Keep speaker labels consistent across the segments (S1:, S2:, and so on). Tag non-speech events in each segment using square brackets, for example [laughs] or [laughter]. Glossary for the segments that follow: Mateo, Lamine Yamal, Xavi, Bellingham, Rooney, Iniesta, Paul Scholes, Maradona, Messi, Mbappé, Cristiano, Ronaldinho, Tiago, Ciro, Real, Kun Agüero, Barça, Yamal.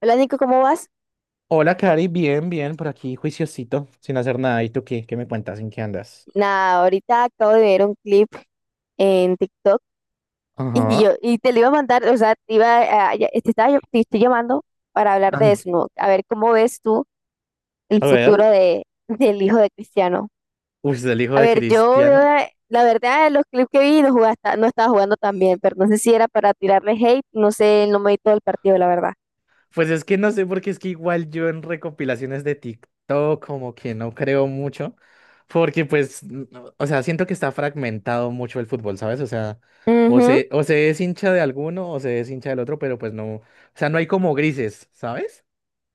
S1: Hola Nico, ¿cómo vas?
S2: Hola, Cari, bien, por aquí, juiciosito, sin hacer nada. ¿Y tú qué? ¿Qué me cuentas? ¿En qué andas?
S1: Nada, ahorita acabo de ver un clip en TikTok y
S2: Ajá.
S1: yo y te lo iba a mandar, o sea, te iba a- ya- te estoy llamando para hablar
S2: Ah,
S1: de eso, ¿no? A ver cómo ves tú el
S2: a ver.
S1: futuro de del hijo de Cristiano.
S2: Uy, es el hijo
S1: A
S2: de
S1: ver, yo veo
S2: Cristiano.
S1: la verdad los clips que vi no estaba jugando tan bien, pero no sé si era para tirarle hate, no sé, no me vi todo el partido, la verdad.
S2: Pues es que no sé, porque es que igual yo en recopilaciones de TikTok como que no creo mucho, porque pues, no, o sea, siento que está fragmentado mucho el fútbol, ¿sabes? O sea,
S1: Ujú.
S2: o se es hincha de alguno o se es hincha del otro, pero pues no, o sea, no hay como grises, ¿sabes?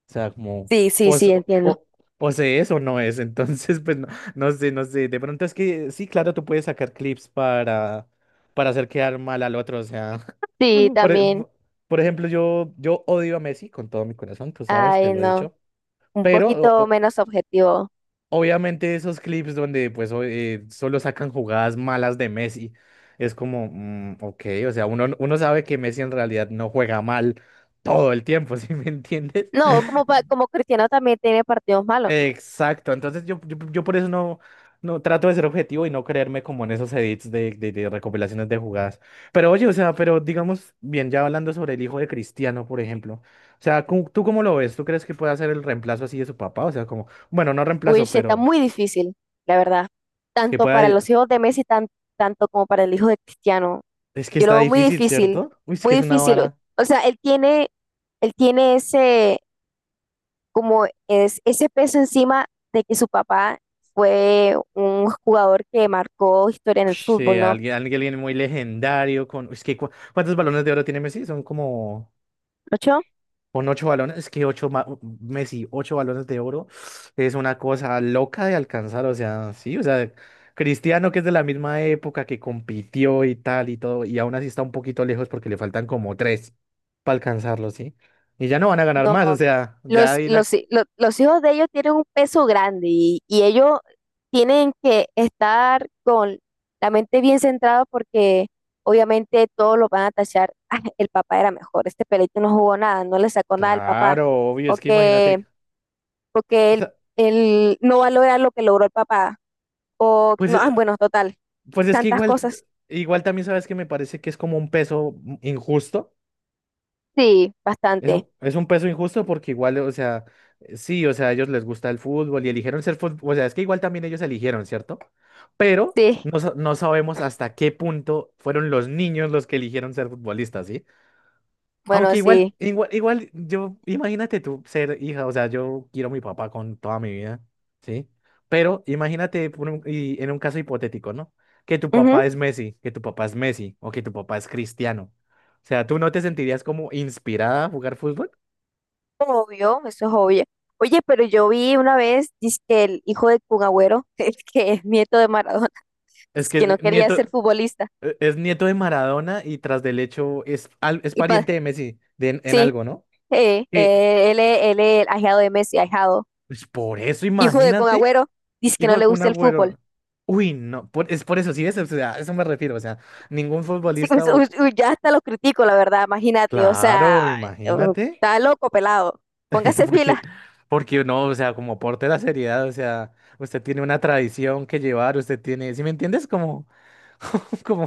S2: O sea, como,
S1: Sí, sí,
S2: o,
S1: sí,
S2: s- o,
S1: entiendo.
S2: o- o se es o no es. [laughs] Entonces, pues no, no sé. De pronto es que sí, claro, tú puedes sacar clips para hacer quedar mal al otro. O sea,
S1: Sí,
S2: [laughs] por, e-
S1: también.
S2: por ejemplo, yo odio a Messi con todo mi corazón, tú sabes, te
S1: Ay,
S2: lo he
S1: no,
S2: dicho.
S1: un
S2: Pero
S1: poquito menos objetivo.
S2: obviamente esos clips donde pues solo sacan jugadas malas de Messi. Es como, mm, ok, o sea, uno sabe que Messi en realidad no juega mal todo el tiempo, [laughs] ¿sí me entiendes?
S1: No, como, como Cristiano también tiene partidos malos, ¿no?
S2: Exacto, entonces yo por eso no, no trato de ser objetivo y no creerme como en esos edits de recopilaciones de jugadas. Pero oye, o sea, pero digamos, bien, ya hablando sobre el hijo de Cristiano, por ejemplo, o sea, ¿tú cómo lo ves? ¿Tú crees que pueda ser el reemplazo así de su papá? O sea, como, bueno, no reemplazo,
S1: Wilsh, está
S2: pero
S1: muy difícil, la verdad.
S2: que
S1: Tanto para los
S2: pueda...
S1: hijos de Messi, tanto como para el hijo de Cristiano.
S2: Es que
S1: Yo lo
S2: está
S1: veo muy
S2: difícil,
S1: difícil,
S2: ¿cierto? Uy, es que
S1: muy
S2: es una
S1: difícil. O
S2: vara.
S1: o sea, él tiene ese, como es, ese peso encima de que su papá fue un jugador que marcó historia en el
S2: Ush, sí,
S1: fútbol, ¿no?
S2: alguien muy legendario con... Es que, ¿cuántos balones de oro tiene Messi? Son como... Con 8 balones, es que 8, Messi, 8 balones de oro es una cosa loca de alcanzar, o sea, sí, o sea, Cristiano que es de la misma época que compitió y tal y todo, y aún así está un poquito lejos porque le faltan como 3 para alcanzarlo, ¿sí? Y ya no van a ganar
S1: No,
S2: más, o sea, ya ahí la...
S1: los hijos de ellos tienen un peso grande y ellos tienen que estar con la mente bien centrada porque obviamente todos lo van a tachar. "Ah, el papá era mejor, este pelito no jugó nada, no le sacó nada al papá."
S2: Claro, obvio,
S1: O
S2: es que
S1: que,
S2: imagínate,
S1: porque
S2: o sea,
S1: él no va a lograr lo que logró el papá. O,
S2: pues,
S1: no, ah, bueno, total,
S2: pues es que
S1: tantas
S2: igual,
S1: cosas.
S2: igual también sabes que me parece que es como un peso injusto.
S1: Sí, bastante.
S2: Es un peso injusto porque igual, o sea, sí, o sea, a ellos les gusta el fútbol y eligieron ser fútbol, o sea, es que igual también ellos eligieron, ¿cierto? Pero
S1: Sí,
S2: no, no sabemos hasta qué punto fueron los niños los que eligieron ser futbolistas, ¿sí?
S1: bueno,
S2: Aunque
S1: sí.
S2: igual, yo, imagínate tú ser hija, o sea, yo quiero a mi papá con toda mi vida, ¿sí? Pero imagínate y en un caso hipotético, ¿no? Que tu papá es Messi, que tu papá es Messi o que tu papá es Cristiano. O sea, ¿tú no te sentirías como inspirada a jugar fútbol?
S1: Obvio, eso es obvio. Oye, pero yo vi una vez, dice que el hijo de Kun Agüero, [laughs] el que es nieto de Maradona,
S2: Es
S1: dice
S2: que
S1: que no
S2: es
S1: quería ser
S2: nieto,
S1: futbolista.
S2: es nieto de Maradona y tras del hecho es, es
S1: Y pa-
S2: pariente de Messi de, en
S1: sí,
S2: algo, ¿no? Eh,
S1: él es el ahijado de Messi, ahijado.
S2: pues por eso,
S1: Hijo de Kun
S2: imagínate,
S1: Agüero, dice que no
S2: hijo de
S1: le
S2: Kun
S1: gusta el fútbol.
S2: Agüero.
S1: [laughs]
S2: Uy, no, es por eso, sí, es, o sea, a eso me refiero, o sea, ningún
S1: Sí, pues,
S2: futbolista o...
S1: uy, uy, ya hasta lo critico, la verdad, imagínate, o sea,
S2: Claro,
S1: eh,
S2: imagínate,
S1: está loco, pelado.
S2: [laughs]
S1: Póngase
S2: porque,
S1: pila.
S2: porque no, o sea, como aporte de la seriedad, o sea, usted tiene una tradición que llevar, usted tiene, ¿sí me entiendes? Como... [laughs] Como,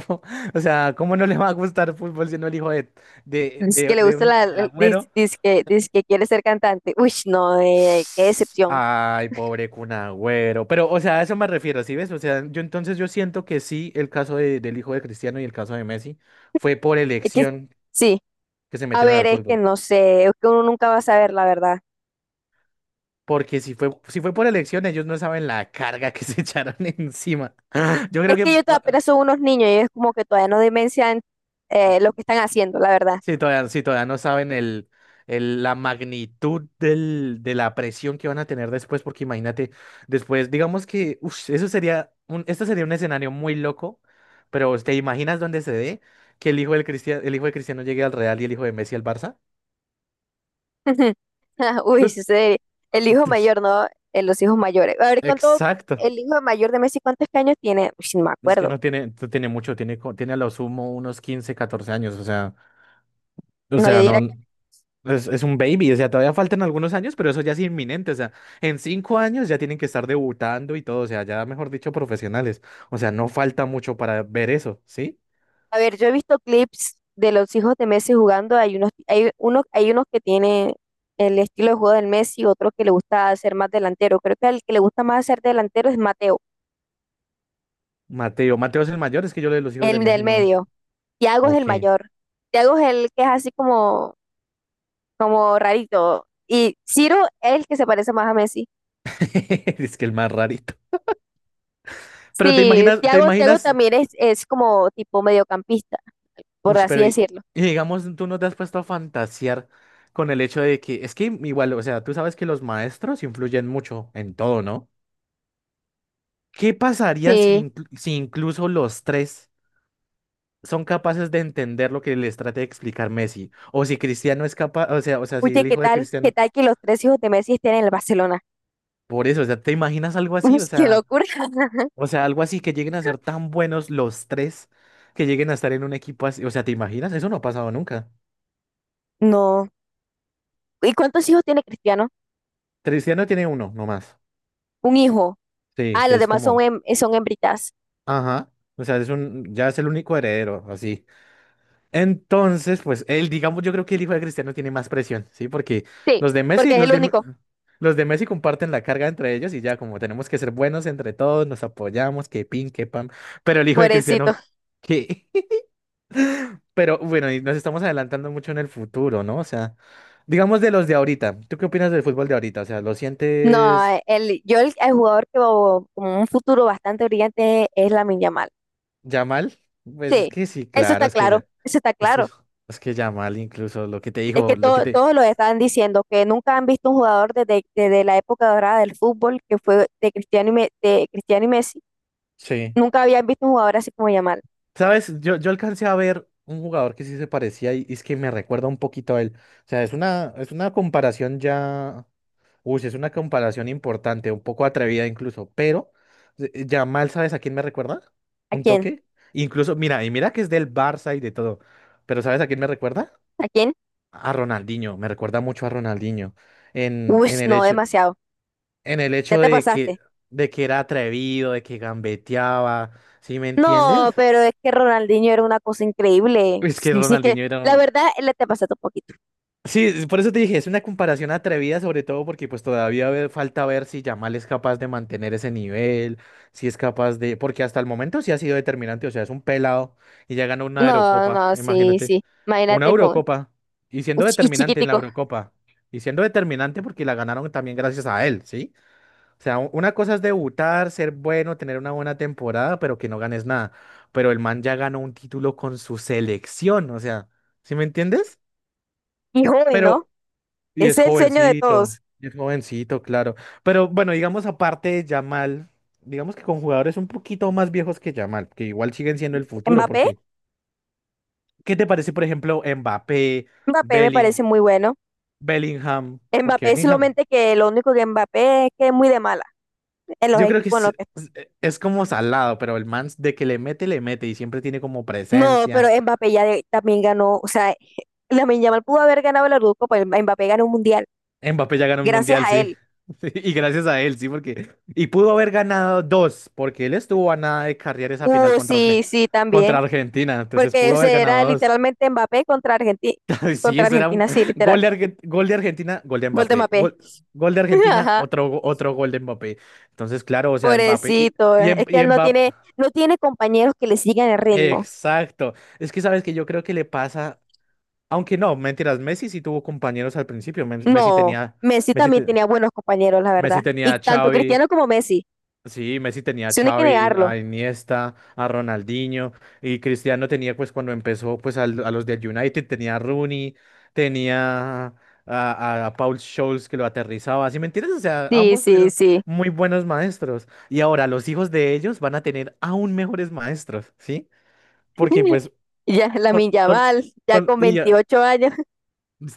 S2: o sea, ¿cómo no le va a gustar fútbol siendo el hijo
S1: Dice que le
S2: de
S1: gusta
S2: un de Agüero?
S1: dice que quiere ser cantante. Uy, no, qué decepción.
S2: Ay, pobre Kun Agüero. Pero, o sea, a eso me refiero, ¿sí ves? O sea, yo entonces yo siento que sí, el del hijo de Cristiano y el caso de Messi fue por
S1: Es que
S2: elección
S1: sí.
S2: que se
S1: A
S2: metieron
S1: ver,
S2: al
S1: es que
S2: fútbol.
S1: no sé, es que uno nunca va a saber la verdad.
S2: Porque si fue por elección, ellos no saben la carga que se [laughs] echaron encima. Yo creo
S1: Es
S2: que,
S1: que ellos todavía apenas son unos niños y es como que todavía no dimensionan lo que están haciendo, la verdad.
S2: sí, todavía, sí, todavía no saben el, la magnitud del, de la presión que van a tener después, porque imagínate, después, digamos que, ush, eso sería un, esto sería un escenario muy loco, pero ¿te imaginas dónde se dé que el hijo del Cristiano, el hijo de Cristiano llegue al Real y el hijo de Messi al Barça?
S1: [laughs] Uy,
S2: Ut,
S1: sí, sí, el hijo
S2: ush,
S1: mayor, ¿no? Los hijos mayores. A ver, ¿cuánto
S2: exacto.
S1: el hijo mayor de Messi, cuántos años tiene Uy, sí, no me
S2: Es que
S1: acuerdo.
S2: no tiene, no tiene mucho, tiene, tiene a lo sumo unos 15 14 años, o
S1: No, yo
S2: sea,
S1: diría
S2: no.
S1: que,
S2: Es un baby, o sea, todavía faltan algunos años, pero eso ya es inminente, o sea, en 5 años ya tienen que estar debutando y todo, o sea, ya mejor dicho, profesionales, o sea, no falta mucho para ver eso, ¿sí?
S1: a ver, yo he visto clips de los hijos de Messi jugando, hay unos que tienen el estilo de juego del Messi, otro que le gusta ser más delantero. Creo que el que le gusta más ser delantero es Mateo,
S2: Mateo, Mateo es el mayor, es que yo lo de los hijos de
S1: el
S2: Messi
S1: del
S2: no.
S1: medio. Tiago es
S2: Ok.
S1: el mayor. Tiago es el que es así como, como rarito. Y Ciro es el que se parece más a Messi.
S2: [laughs] Es que el más rarito. Pero
S1: Sí,
S2: te
S1: Tiago
S2: imaginas,
S1: también es como tipo mediocampista, por
S2: uy,
S1: así
S2: pero
S1: decirlo.
S2: y digamos, tú no te has puesto a fantasear con el hecho de que, es que igual, o sea, tú sabes que los maestros influyen mucho en todo, ¿no? ¿Qué pasaría si,
S1: Sí.
S2: si incluso los 3 son capaces de entender lo que les trate de explicar Messi? O si Cristiano es capaz, o sea, si
S1: Oye,
S2: el
S1: ¿qué
S2: hijo de
S1: tal? ¿Qué
S2: Cristiano.
S1: tal que los tres hijos de Messi estén en el Barcelona?
S2: Por eso, o sea, ¿te imaginas algo
S1: [laughs] Uy,
S2: así?
S1: qué locura. [laughs]
S2: O sea, algo así que lleguen a ser tan buenos los 3 que lleguen a estar en un equipo así. O sea, ¿te imaginas? Eso no ha pasado nunca.
S1: No. ¿Y cuántos hijos tiene Cristiano?
S2: Cristiano tiene uno nomás.
S1: Un hijo.
S2: Sí,
S1: Ah,
S2: que
S1: los
S2: es
S1: demás son,
S2: como,
S1: son hembritas.
S2: ajá. O sea, es un, ya es el único heredero, así. Entonces, pues él, digamos, yo creo que el hijo de Cristiano tiene más presión, ¿sí? Porque
S1: Sí,
S2: los de Messi,
S1: porque es el único.
S2: los de Messi comparten la carga entre ellos y ya como tenemos que ser buenos entre todos, nos apoyamos, que pin, que pam. Pero el hijo de Cristiano,
S1: Pobrecito.
S2: ¿qué? [laughs] Pero bueno, y nos estamos adelantando mucho en el futuro, ¿no? O sea, digamos de los de ahorita. ¿Tú qué opinas del fútbol de ahorita? O sea, ¿lo
S1: No,
S2: sientes
S1: el jugador que veo como un futuro bastante brillante es Lamine Yamal.
S2: ya mal? Pues es
S1: Sí,
S2: que sí,
S1: eso
S2: claro,
S1: está
S2: es que
S1: claro,
S2: ya.
S1: eso está
S2: Es que,
S1: claro.
S2: es que ya mal incluso lo que te
S1: Es que
S2: dijo, lo que te...
S1: todos lo están diciendo, que nunca han visto un jugador desde, desde la época dorada del fútbol, que fue de Cristiano y de Cristiano y Messi.
S2: Sí.
S1: Nunca habían visto un jugador así como Yamal.
S2: ¿Sabes? Yo alcancé a ver un jugador que sí se parecía y es que me recuerda un poquito a él. O sea, es una comparación ya. Uy, sí, es una comparación importante, un poco atrevida incluso, pero ya mal ¿sabes a quién me recuerda?
S1: ¿A
S2: ¿Un
S1: quién?
S2: toque? Incluso, mira, y mira que es del Barça y de todo, pero ¿sabes a quién me recuerda?
S1: ¿A quién?
S2: A Ronaldinho, me recuerda mucho a Ronaldinho en,
S1: Uy,
S2: en el
S1: no,
S2: hecho,
S1: demasiado.
S2: en el
S1: Ya
S2: hecho
S1: te pasaste.
S2: de que era atrevido, de que gambeteaba, ¿sí me
S1: No,
S2: entiendes?
S1: pero es que Ronaldinho era una cosa increíble.
S2: Es que
S1: Sí, sí que,
S2: Ronaldinho era
S1: la verdad, le te pasaste un poquito.
S2: sí, por eso te dije, es una comparación atrevida, sobre todo porque pues todavía falta ver si Yamal es capaz de mantener ese nivel, si es capaz de, porque hasta el momento sí ha sido determinante, o sea, es un pelado y ya ganó una
S1: No,
S2: Eurocopa,
S1: no, sí,
S2: imagínate,
S1: sí.
S2: una
S1: Imagínate con
S2: Eurocopa y siendo
S1: y
S2: determinante en la
S1: chiquitico.
S2: Eurocopa y siendo determinante porque la ganaron también gracias a él, ¿sí? O sea, una cosa es debutar, ser bueno, tener una buena temporada, pero que no ganes nada, pero el man ya ganó un título con su selección, o sea, ¿sí me entiendes?
S1: Y joven, ¿no?
S2: Pero
S1: Es el sueño de todos.
S2: y es jovencito, claro. Pero bueno, digamos aparte de Yamal, digamos que con jugadores un poquito más viejos que Yamal, que igual siguen siendo el futuro,
S1: Mbappé,
S2: porque ¿qué te parece, por ejemplo, Mbappé,
S1: Mbappé me parece
S2: Belling-
S1: muy bueno.
S2: Bellingham? Porque
S1: Mbappé
S2: Bellingham,
S1: solamente que lo único que Mbappé es que es muy de mala en los
S2: yo creo que
S1: equipos en
S2: es,
S1: los que...
S2: es- es como salado, pero el man de que le mete y siempre tiene como
S1: No,
S2: presencia.
S1: pero Mbappé también ganó, o sea, [laughs] Lamine Yamal pudo haber ganado el Eurocopa, pero Mbappé ganó un mundial
S2: Mbappé ya ganó el
S1: gracias
S2: mundial,
S1: a
S2: sí.
S1: él.
S2: [laughs] Y gracias a él, sí, porque. Y pudo haber ganado dos, porque él estuvo a nada de carrear esa final contra,
S1: Sí, sí,
S2: Contra
S1: también,
S2: Argentina. Entonces
S1: porque
S2: pudo
S1: o sea,
S2: haber
S1: era
S2: ganado dos.
S1: literalmente Mbappé
S2: [laughs] Sí,
S1: contra
S2: eso era un
S1: Argentina, sí, literal.
S2: gol de, gol de Argentina, gol de
S1: Gol de
S2: Mbappé.
S1: Mbappé.
S2: Gol, gol de
S1: [laughs]
S2: Argentina,
S1: Ajá,
S2: otro, otro gol de Mbappé. Entonces, claro, o sea, Mbappé.
S1: pobrecito,
S2: Y,
S1: es que
S2: Y
S1: él no
S2: Mbappé.
S1: tiene no tiene compañeros que le sigan el ritmo.
S2: Exacto. Es que sabes que yo creo que le pasa. Aunque no, mentiras, Messi sí tuvo compañeros al principio. Messi
S1: No,
S2: tenía.
S1: Messi
S2: Messi,
S1: también tenía buenos compañeros, la
S2: Messi
S1: verdad.
S2: tenía
S1: Y
S2: a
S1: tanto
S2: Xavi.
S1: Cristiano como Messi.
S2: Sí, Messi tenía a
S1: Si no, hay que
S2: Xavi, a
S1: negarlo.
S2: Iniesta, a Ronaldinho y Cristiano tenía pues cuando empezó pues a los del United tenía a Rooney, tenía a, a Paul Scholes que lo aterrizaba, ¿sí me entiendes? O sea,
S1: Sí,
S2: ambos
S1: sí,
S2: tuvieron
S1: sí.
S2: muy buenos maestros y ahora los hijos de ellos van a tener aún mejores maestros, ¿sí? Porque
S1: [laughs]
S2: pues
S1: Ya
S2: son,
S1: Lamine
S2: son-
S1: Yamal, ya
S2: son-
S1: con
S2: y,
S1: 28 años.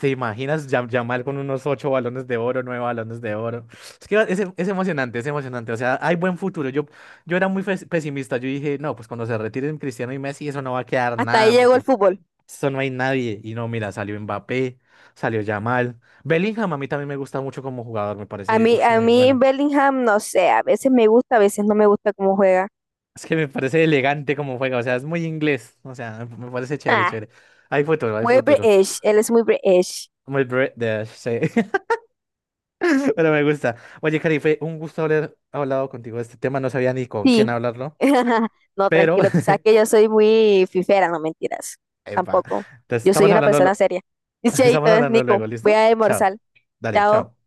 S2: ¿Te imaginas Yamal con unos 8 balones de oro, 9 balones de oro? Es que es emocionante, es emocionante. O sea, hay buen futuro. Yo era muy pesimista. Yo dije, no, pues cuando se retiren Cristiano y Messi, eso no va a
S1: [laughs]
S2: quedar
S1: Hasta ahí
S2: nada,
S1: llegó el
S2: porque
S1: fútbol.
S2: eso no hay nadie. Y no, mira, salió Mbappé, salió Yamal. Bellingham a mí también me gusta mucho como jugador, me parece ush,
S1: A
S2: muy
S1: mí
S2: bueno.
S1: Bellingham, no sé, a veces me gusta, a veces no me gusta cómo juega.
S2: Es que me parece elegante como juega, o sea, es muy inglés. O sea, me parece chévere,
S1: Ah,
S2: chévere. Hay futuro, hay
S1: muy
S2: futuro.
S1: British, él es muy British.
S2: Muy British, sí. Pero me gusta. Oye, Cari, fue un gusto haber hablado contigo de este tema. No sabía ni con quién
S1: Sí.
S2: hablarlo,
S1: [laughs] No,
S2: pero...
S1: tranquilo, tú sabes
S2: [laughs]
S1: que yo soy muy fifera, no mentiras.
S2: Epa.
S1: Tampoco.
S2: Entonces,
S1: Yo soy
S2: estamos
S1: una
S2: hablando,
S1: persona seria. Y
S2: [laughs]
S1: Chaito,
S2: estamos hablando
S1: Nico,
S2: luego,
S1: voy
S2: ¿listo?
S1: a
S2: Chao.
S1: almorzar.
S2: Dale,
S1: Chao.
S2: chao.